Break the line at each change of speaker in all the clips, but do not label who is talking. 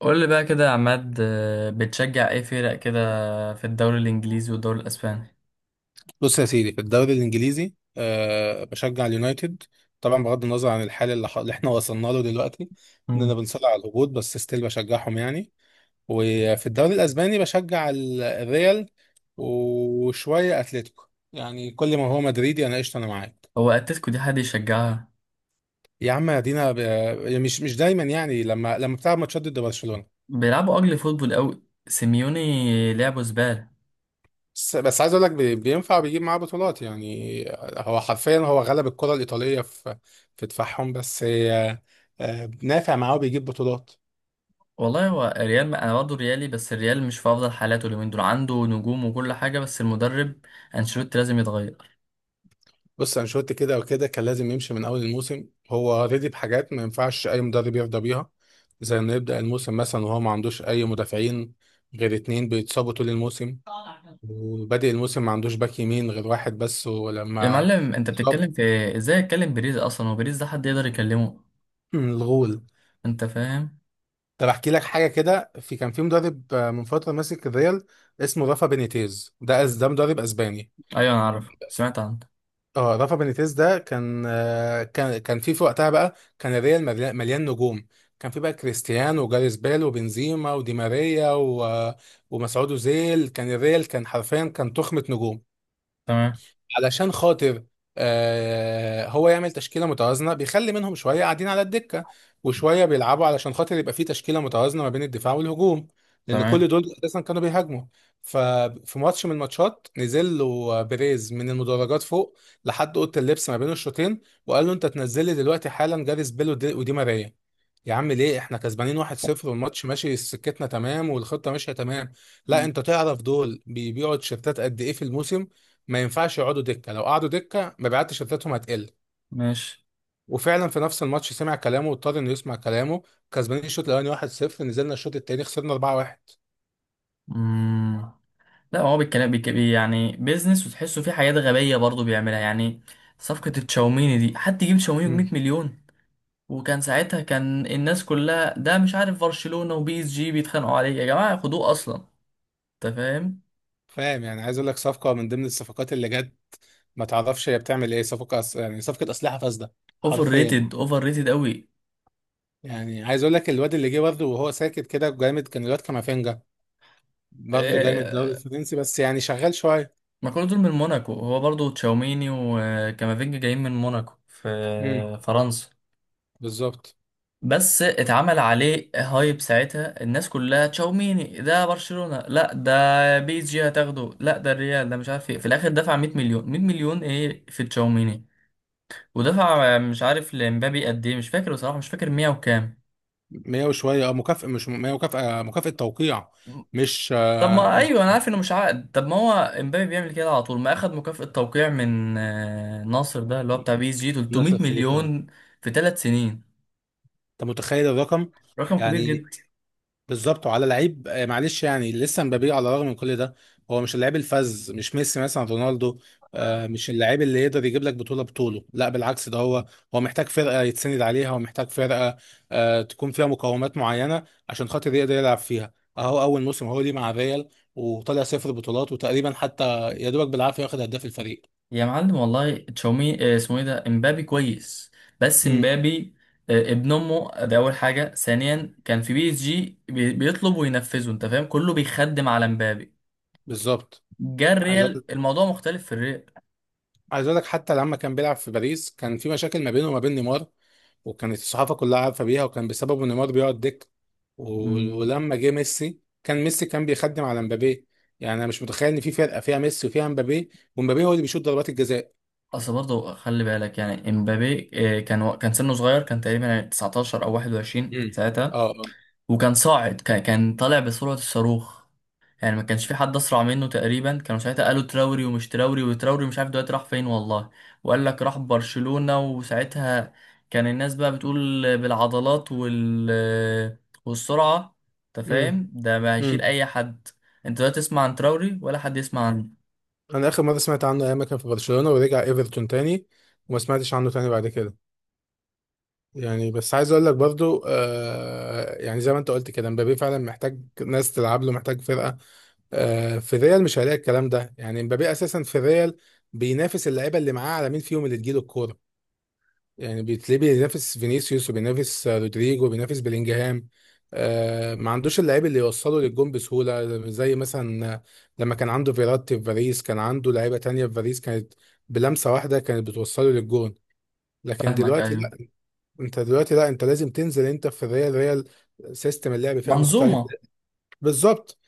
قول لي بقى كده يا عماد بتشجع ايه فرق كده في الدوري الانجليزي والدوري الاسباني.
بص يا سيدي، في الدوري الانجليزي بشجع اليونايتد طبعا، بغض النظر عن الحال اللي احنا وصلنا له دلوقتي، اننا
مم.
بنصارع على الهبوط. بس ستيل بشجعهم يعني. وفي الدوري الاسباني بشجع الريال وشويه اتلتيكو. يعني كل ما هو مدريدي انا قشطه، انا معاك.
هو اتلتيكو دي حد يشجعها؟
يا عم ادينا مش دايما، يعني لما بتلعب ماتشات ضد برشلونه.
بيلعبوا اجل فوتبول قوي سيميوني، لعبه زباله.
بس عايز اقول لك بينفع بيجيب معاه بطولات يعني. هو حرفيا غلب الكرة الإيطالية في دفاعهم بس. نافع معاه وبيجيب بطولات.
والله هو الريال، ما انا برضه ريالي، بس الريال مش في افضل حالاته اليومين دول، عنده نجوم وكل حاجه بس المدرب انشيلوتي لازم يتغير.
بص، أنشيلوتي كده وكده كان لازم يمشي من أول الموسم. هو رضي بحاجات ما ينفعش أي مدرب يرضى بيها، زي إنه يبدأ الموسم مثلا وهو ما عندوش أي مدافعين غير اتنين بيتصابوا طول الموسم، وبادئ الموسم ما عندوش باك يمين غير واحد بس.
يا
ولما
معلم انت
اتصاب
بتتكلم في إيه؟ ازاي اتكلم بيريز اصلا وبيريز ده حد يقدر يكلمه؟
الغول.
انت فاهم؟
طب احكي لك حاجه كده. كان في مدرب من فتره ماسك الريال اسمه رافا بينيتيز. ده مدرب اسباني.
ايوه انا عارف سمعت عنه.
اه، رافا بينيتيز ده كان كان في وقتها بقى. كان الريال مليان مليان نجوم. كان في بقى كريستيانو وجاريث بيل وبنزيما ودي ماريا ومسعود اوزيل. كان الريال كان حرفيا كان تخمه نجوم.
تمام.
علشان خاطر هو يعمل تشكيله متوازنه، بيخلي منهم شويه قاعدين على الدكه وشويه بيلعبوا، علشان خاطر يبقى في تشكيله متوازنه ما بين الدفاع والهجوم، لان
تمام.
كل دول اساسا كانوا بيهاجموا. ففي ماتش من الماتشات نزل له بيريز من المدرجات فوق لحد اوضه اللبس ما بين الشوطين، وقال له: انت تنزل لي دلوقتي حالا جاريس بيل ودي ماريا. يا عم ليه؟ احنا كسبانين 1-0، والماتش ماشي سكتنا تمام، والخطه ماشيه تمام. لا،
مم.
انت تعرف دول بيبيعوا تيشيرتات قد ايه في الموسم؟ ما ينفعش يقعدوا دكه، لو قعدوا دكه مبيعات تيشيرتاتهم هتقل.
ماشي.
وفعلا في نفس الماتش سمع كلامه، واضطر انه يسمع كلامه. كسبانين الشوط الاولاني 1-0، نزلنا الشوط التاني خسرنا 4-1.
لا، هو بالكلام يعني بيزنس، وتحسه فيه حاجات غبية برضه بيعملها يعني. صفقة التشاوميني دي حد يجيب تشاوميني بمية
امم،
مليون؟ وكان ساعتها كان الناس كلها، ده مش عارف، برشلونة وبي اس جي بيتخانقوا عليه يا جماعة، خدوه أصلا. أنت فاهم؟
فاهم. يعني عايز اقول لك، صفقه من ضمن الصفقات اللي جت ما تعرفش هي بتعمل ايه. صفقه يعني صفقه اسلحه فاسده
اوفر
حرفيا.
ريتد، اوفر ريتد قوي.
يعني عايز اقول لك الواد اللي جه برضه وهو ساكت كده جامد، كان الواد كامافينجا، برضه جاي من الدوري
آه،
الفرنسي بس يعني شغال شويه.
ما كل دول من موناكو، هو برضه تشاوميني وكامافينجا جايين من موناكو في
امم،
فرنسا.
بالظبط.
بس اتعمل عليه هايب، ساعتها الناس كلها تشاوميني ده برشلونة، لا ده بي اس جي هتاخده، لا ده الريال، ده مش عارف ايه. في الاخر دفع 100 مليون. 100 مليون ايه في تشاوميني؟ ودفع مش عارف لمبابي قد ايه، مش فاكر بصراحة، مش فاكر، 100 وكام.
100 وشويه، اه، مكافأة. مش 100 مكافأة، مكافأة توقيع. مش
طب
آه،
ما
مش
ايوه انا عارف انه مش عقد. طب ما هو امبابي بيعمل كده على طول، ما اخد مكافأة توقيع من ناصر ده اللي هو بتاع بي اس جي 300
12 خليفة اه.
مليون في 3 سنين.
انت متخيل الرقم؟
رقم كبير
يعني
جدا.
بالظبط. وعلى لعيب معلش، يعني لسه مبابي على الرغم من كل ده هو مش اللعيب الفذ. مش ميسي مثلا، رونالدو. مش اللعيب اللي يقدر يجيب لك بطوله. لا بالعكس، ده هو هو محتاج فرقة يتسند عليها، ومحتاج فرقة تكون فيها مقومات معينة عشان خاطر يقدر يلعب فيها. اهو اول موسم هو ليه مع الريال وطلع صفر بطولات، وتقريبا حتى يا دوبك بالعافية واخد هداف الفريق.
يا معلم والله تشاومي اسمه ايه ده، امبابي كويس. بس
امم،
امبابي ابن امه ده اول حاجه. ثانيا كان في بي اس جي بيطلب وينفذه، انت فاهم، كله بيخدم على امبابي.
بالظبط.
جه
عايز
الريال
أقول
الموضوع مختلف في الريال.
عايز اقول لك حتى لما كان بيلعب في باريس كان في مشاكل ما بينه وما بين نيمار، وكانت الصحافه كلها عارفه بيها، وكان بسببه نيمار بيقعد دك.
مم.
ولما جه ميسي كان ميسي كان بيخدم على مبابي. يعني انا مش متخيل ان في فرقه فيها ميسي وفيها مبابي ومبابي هو اللي بيشوط ضربات الجزاء.
اصل برضه خلي بالك يعني امبابي كان كان سنه صغير، كان تقريبا 19 او 21
امم،
ساعتها.
اه آه.
وكان صاعد، كان طالع بسرعه الصاروخ. يعني ما كانش في حد اسرع منه تقريبا، كانوا ساعتها قالوا تراوري، ومش تراوري، وتراوري مش عارف دلوقتي راح فين والله، وقال لك راح برشلونة، وساعتها كان الناس بقى بتقول بالعضلات والسرعة. انت
امم،
فاهم، ده ما هيشيل
امم.
اي حد. انت لا تسمع عن تراوري ولا حد يسمع عنه.
انا اخر مره سمعت عنه ايام ما كان في برشلونه ورجع ايفرتون تاني، وما سمعتش عنه تاني بعد كده. يعني بس عايز اقول لك برضو يعني زي ما انت قلت كده، مبابي فعلا محتاج ناس تلعب له، محتاج فرقه. في الريال مش هلاقي الكلام ده. يعني مبابي اساسا في الريال بينافس اللعيبه اللي معاه على مين فيهم اللي تجيله الكوره. يعني بتلاقيه بينافس فينيسيوس وبينافس رودريجو وبينافس بلينجهام. ما عندوش اللعيب اللي يوصله للجون بسهوله، زي مثلا لما كان عنده فيراتي في باريس كان عنده لعيبه تانية في باريس، كانت بلمسه واحده كانت بتوصله للجون. لكن
فاهمك
دلوقتي
ايوه.
انت دلوقتي، لا، انت لازم تنزل، انت في الريال. ريال سيستم اللعب فيها مختلف.
منظومة.
بالظبط.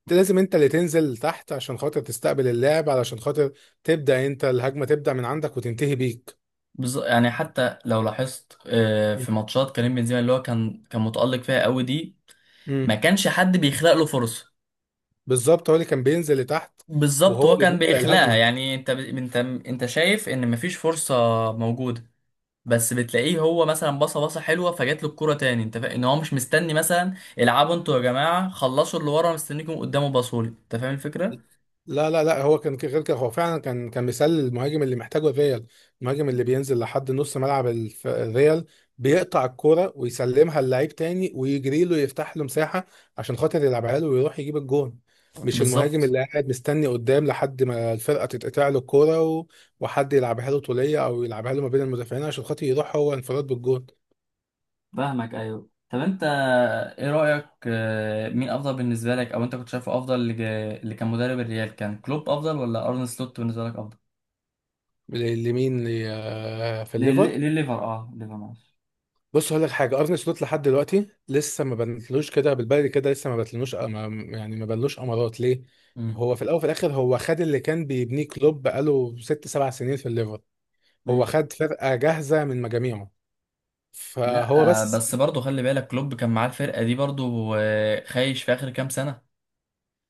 انت لازم انت اللي تنزل تحت عشان خاطر تستقبل اللعب، علشان خاطر تبدا انت الهجمه، تبدا من عندك وتنتهي بيك.
يعني حتى لو لاحظت في ماتشات كريم بنزيما اللي هو كان متألق فيها قوي دي، ما
امم،
كانش حد بيخلق له فرصة.
بالظبط، هو اللي كان بينزل لتحت
بالظبط،
وهو
هو
اللي
كان
بيبدا
بإخلاقها
الهجمه.
يعني انت انت شايف ان مفيش فرصة موجودة. بس بتلاقيه هو مثلا بصه بصه حلوه، فجات له الكوره تاني. انت فاهم ان هو مش مستني مثلا، العبوا انتوا يا جماعه خلصوا اللي ورا مستنيكم قدامه باصولي. انت فاهم الفكره؟
لا، لا، لا، هو كان غير كده. هو فعلا كان مثال للمهاجم اللي محتاجه الريال. المهاجم اللي بينزل لحد نص ملعب الريال، بيقطع الكرة ويسلمها للعيب تاني ويجري له يفتح له مساحة عشان خاطر يلعبها له ويروح يجيب الجون. مش المهاجم
بالظبط.
اللي قاعد مستني قدام لحد ما الفرقة تتقطع له الكرة وحد يلعبها له طولية أو يلعبها له ما بين المدافعين عشان خاطر يروح هو انفراد بالجون.
فاهمك ايوه. طب انت، ايه رايك مين افضل بالنسبه لك، او انت كنت شايفه افضل اللي كان مدرب الريال، كان كلوب افضل ولا ارن سلوت بالنسبه لك افضل؟
ل- لمين ل- آه، في الليفر؟
للليفر اه. الليفر معلش.
بص هقول لك حاجه. ارني سلوت لحد دلوقتي لسه ما بنتلوش كده بالبلدي، كده لسه ما بنتلوش ما، يعني ما بنلوش امارات ليه.
مم.
هو في الاول وفي الاخر هو خد اللي كان بيبنيه كلوب بقاله 6 7 سنين في الليفر. هو
ماشي.
خد فرقه جاهزه من مجاميعه،
لا
فهو بس.
بس برضه خلي بالك كلوب كان معاه الفرقة دي برضه خايش في آخر كام سنة.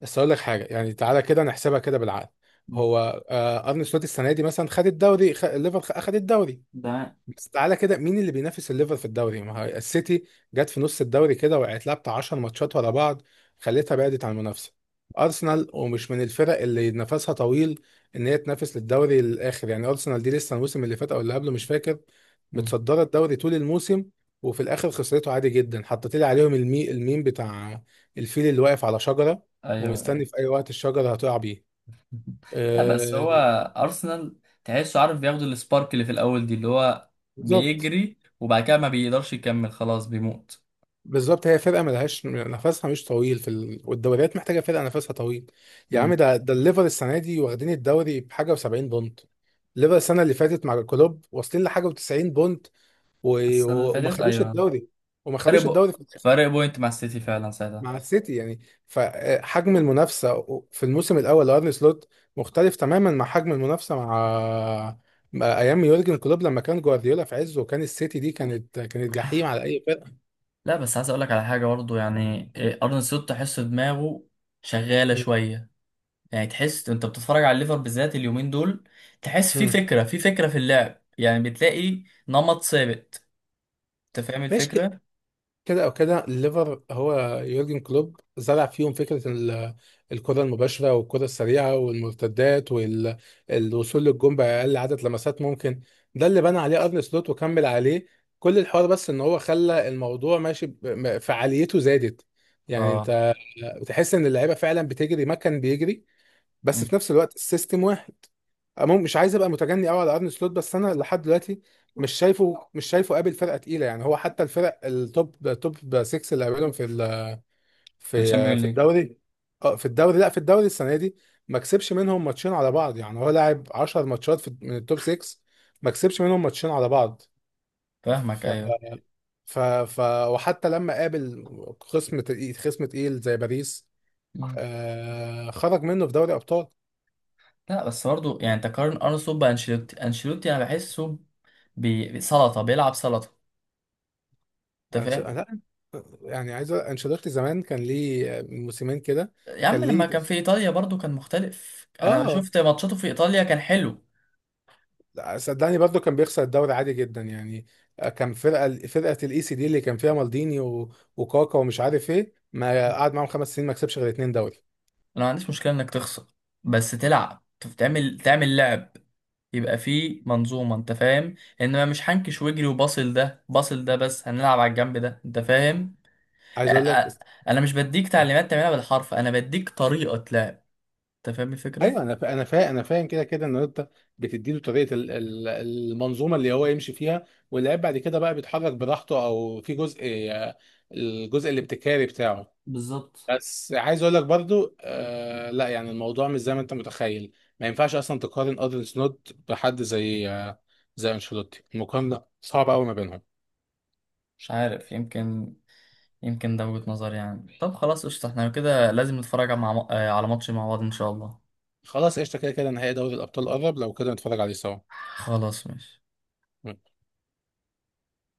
بس اقول لك حاجه، يعني تعالى كده نحسبها كده بالعقل.
مم.
هو ارني سلوت السنه دي مثلا خد الدوري اخد الدوري.
ده.
بس تعالى كده، مين اللي بينافس الليفر في الدوري؟ ما هي السيتي جت في نص الدوري كده وقعت لها بتاع 10 ماتشات ورا بعض خلتها بعدت عن المنافسه. ارسنال ومش من الفرق اللي نفسها طويل ان هي تنافس للدوري للاخر. يعني ارسنال دي لسه الموسم اللي فات او اللي قبله مش فاكر،
مم.
متصدره الدوري طول الموسم وفي الاخر خسرته عادي جدا. حطيت لي عليهم المي الميم بتاع الفيل اللي واقف على شجره
ايوه أيوة.
ومستني في اي وقت الشجره هتقع بيه.
لا بس
أه،
هو ارسنال تحسه عارف بياخد السبارك اللي في الاول دي، اللي هو
بالظبط.
بيجري وبعد كده ما بيقدرش يكمل، خلاص بيموت.
بالظبط، هي فرقه ملهاش نفسها مش طويل والدوريات محتاجه فرقه نفسها طويل. يا عم
مم.
ده ده الليفر السنه دي واخدين الدوري بحاجه و70 بونت. الليفر السنه اللي فاتت مع كلوب واصلين لحاجه و90 بونت. و...
السنه اللي
وما
فاتت
خدوش
ايوه.
الدوري. وما
فرق
خدوش
بو...
الدوري في الاخر
فرق بوينت مع السيتي فعلا ساعتها.
مع السيتي يعني. فحجم المنافسه في الموسم الاول لارني سلوت مختلف تماما مع حجم المنافسه مع مع ايام يورجن كلوب لما كان جوارديولا في عزه، وكان السيتي دي كانت كانت جحيم على اي فرقه.
لا بس عايز اقول لك على حاجه برضه يعني ارن سلوت تحس دماغه شغاله
م-
شويه. يعني تحس انت بتتفرج على الليفر بالذات اليومين دول، تحس في
م.
فكرة، في فكرة في اللعب، يعني بتلاقي نمط ثابت. انت فاهم
ماشي.
الفكرة؟
كده او كده الليفر هو، يورجن كلوب زرع فيهم فكره الكره المباشره والكره السريعه والمرتدات والوصول للجون باقل عدد لمسات ممكن. ده اللي بنى عليه ارن سلوت وكمل عليه كل الحوار. بس ان هو خلى الموضوع ماشي فعاليته زادت يعني.
اه.
انت بتحس ان اللعيبه فعلا بتجري ما كان بيجري، بس
مم.
في نفس الوقت السيستم واحد. مش عايز ابقى متجني قوي على ارن سلوت، بس انا لحد دلوقتي مش شايفه قابل فرقه تقيله. يعني هو حتى الفرق التوب توب 6 اللي قابلهم
في
في
الشامبيون
في
ليج.
الدوري، اه في الدوري، لا في الدوري السنه دي ما كسبش منهم ماتشين على بعض. يعني هو لاعب 10 ماتشات في من التوب 6 ما كسبش منهم ماتشين على بعض.
فاهمك
ف
ايوه.
ف ف وحتى لما قابل خصم تقيل خصم تقيل زي باريس،
مم.
خرج منه في دوري ابطال.
لا بس برضه يعني تقارن ارسنال بانشيلوتي، انشيلوتي انا بحسه بسلطة، بيلعب سلطة. انت
يعني
فاهم؟
لا، يعني انشيلوتي زمان كان ليه من موسمين كده.
يا
كان
عم لما
ليه
كان في ايطاليا برضه كان مختلف، انا
اه.
شفت ماتشاته في ايطاليا كان حلو.
لا، صدقني برضو كان بيخسر الدوري عادي جدا يعني. كان فرقه الاي سي دي اللي كان فيها مالديني وكاكا ومش عارف ايه. ما
مم.
قعد معاهم 5 سنين ما كسبش غير اتنين دوري.
انا ما عنديش مشكلة انك تخسر، بس تلعب، تعمل لعب، يبقى في منظومة انت فاهم. انما مش هنكش واجري وباصل ده باصل ده بس هنلعب على الجنب ده، انت فاهم.
عايز اقول لك،
انا مش بديك تعليمات تعملها بالحرف، انا بديك طريقة لعب. انت فاهم الفكرة؟
ايوه انا انا فاهم كده، كده ان انت بتديله طريقه المنظومه اللي هو يمشي فيها، واللاعب بعد كده بقى بيتحرك براحته او في جزء، آه، الجزء الابتكاري بتاعه.
بالظبط.
بس عايز اقول لك برضو لا، يعني الموضوع مش زي ما انت متخيل. ما ينفعش اصلا تقارن ادري سنوت بحد زي زي انشيلوتي. المقارنه صعبه قوي ما بينهم.
مش عارف، يمكن. يمكن ده وجهة نظري يعني. طب خلاص قشطة، احنا كده لازم نتفرج مع... آه، على ماتش مع بعض ان شاء الله.
خلاص قشطه، كده كده نهائي دوري الابطال قرب، لو كده نتفرج عليه سوا.
خلاص ماشي.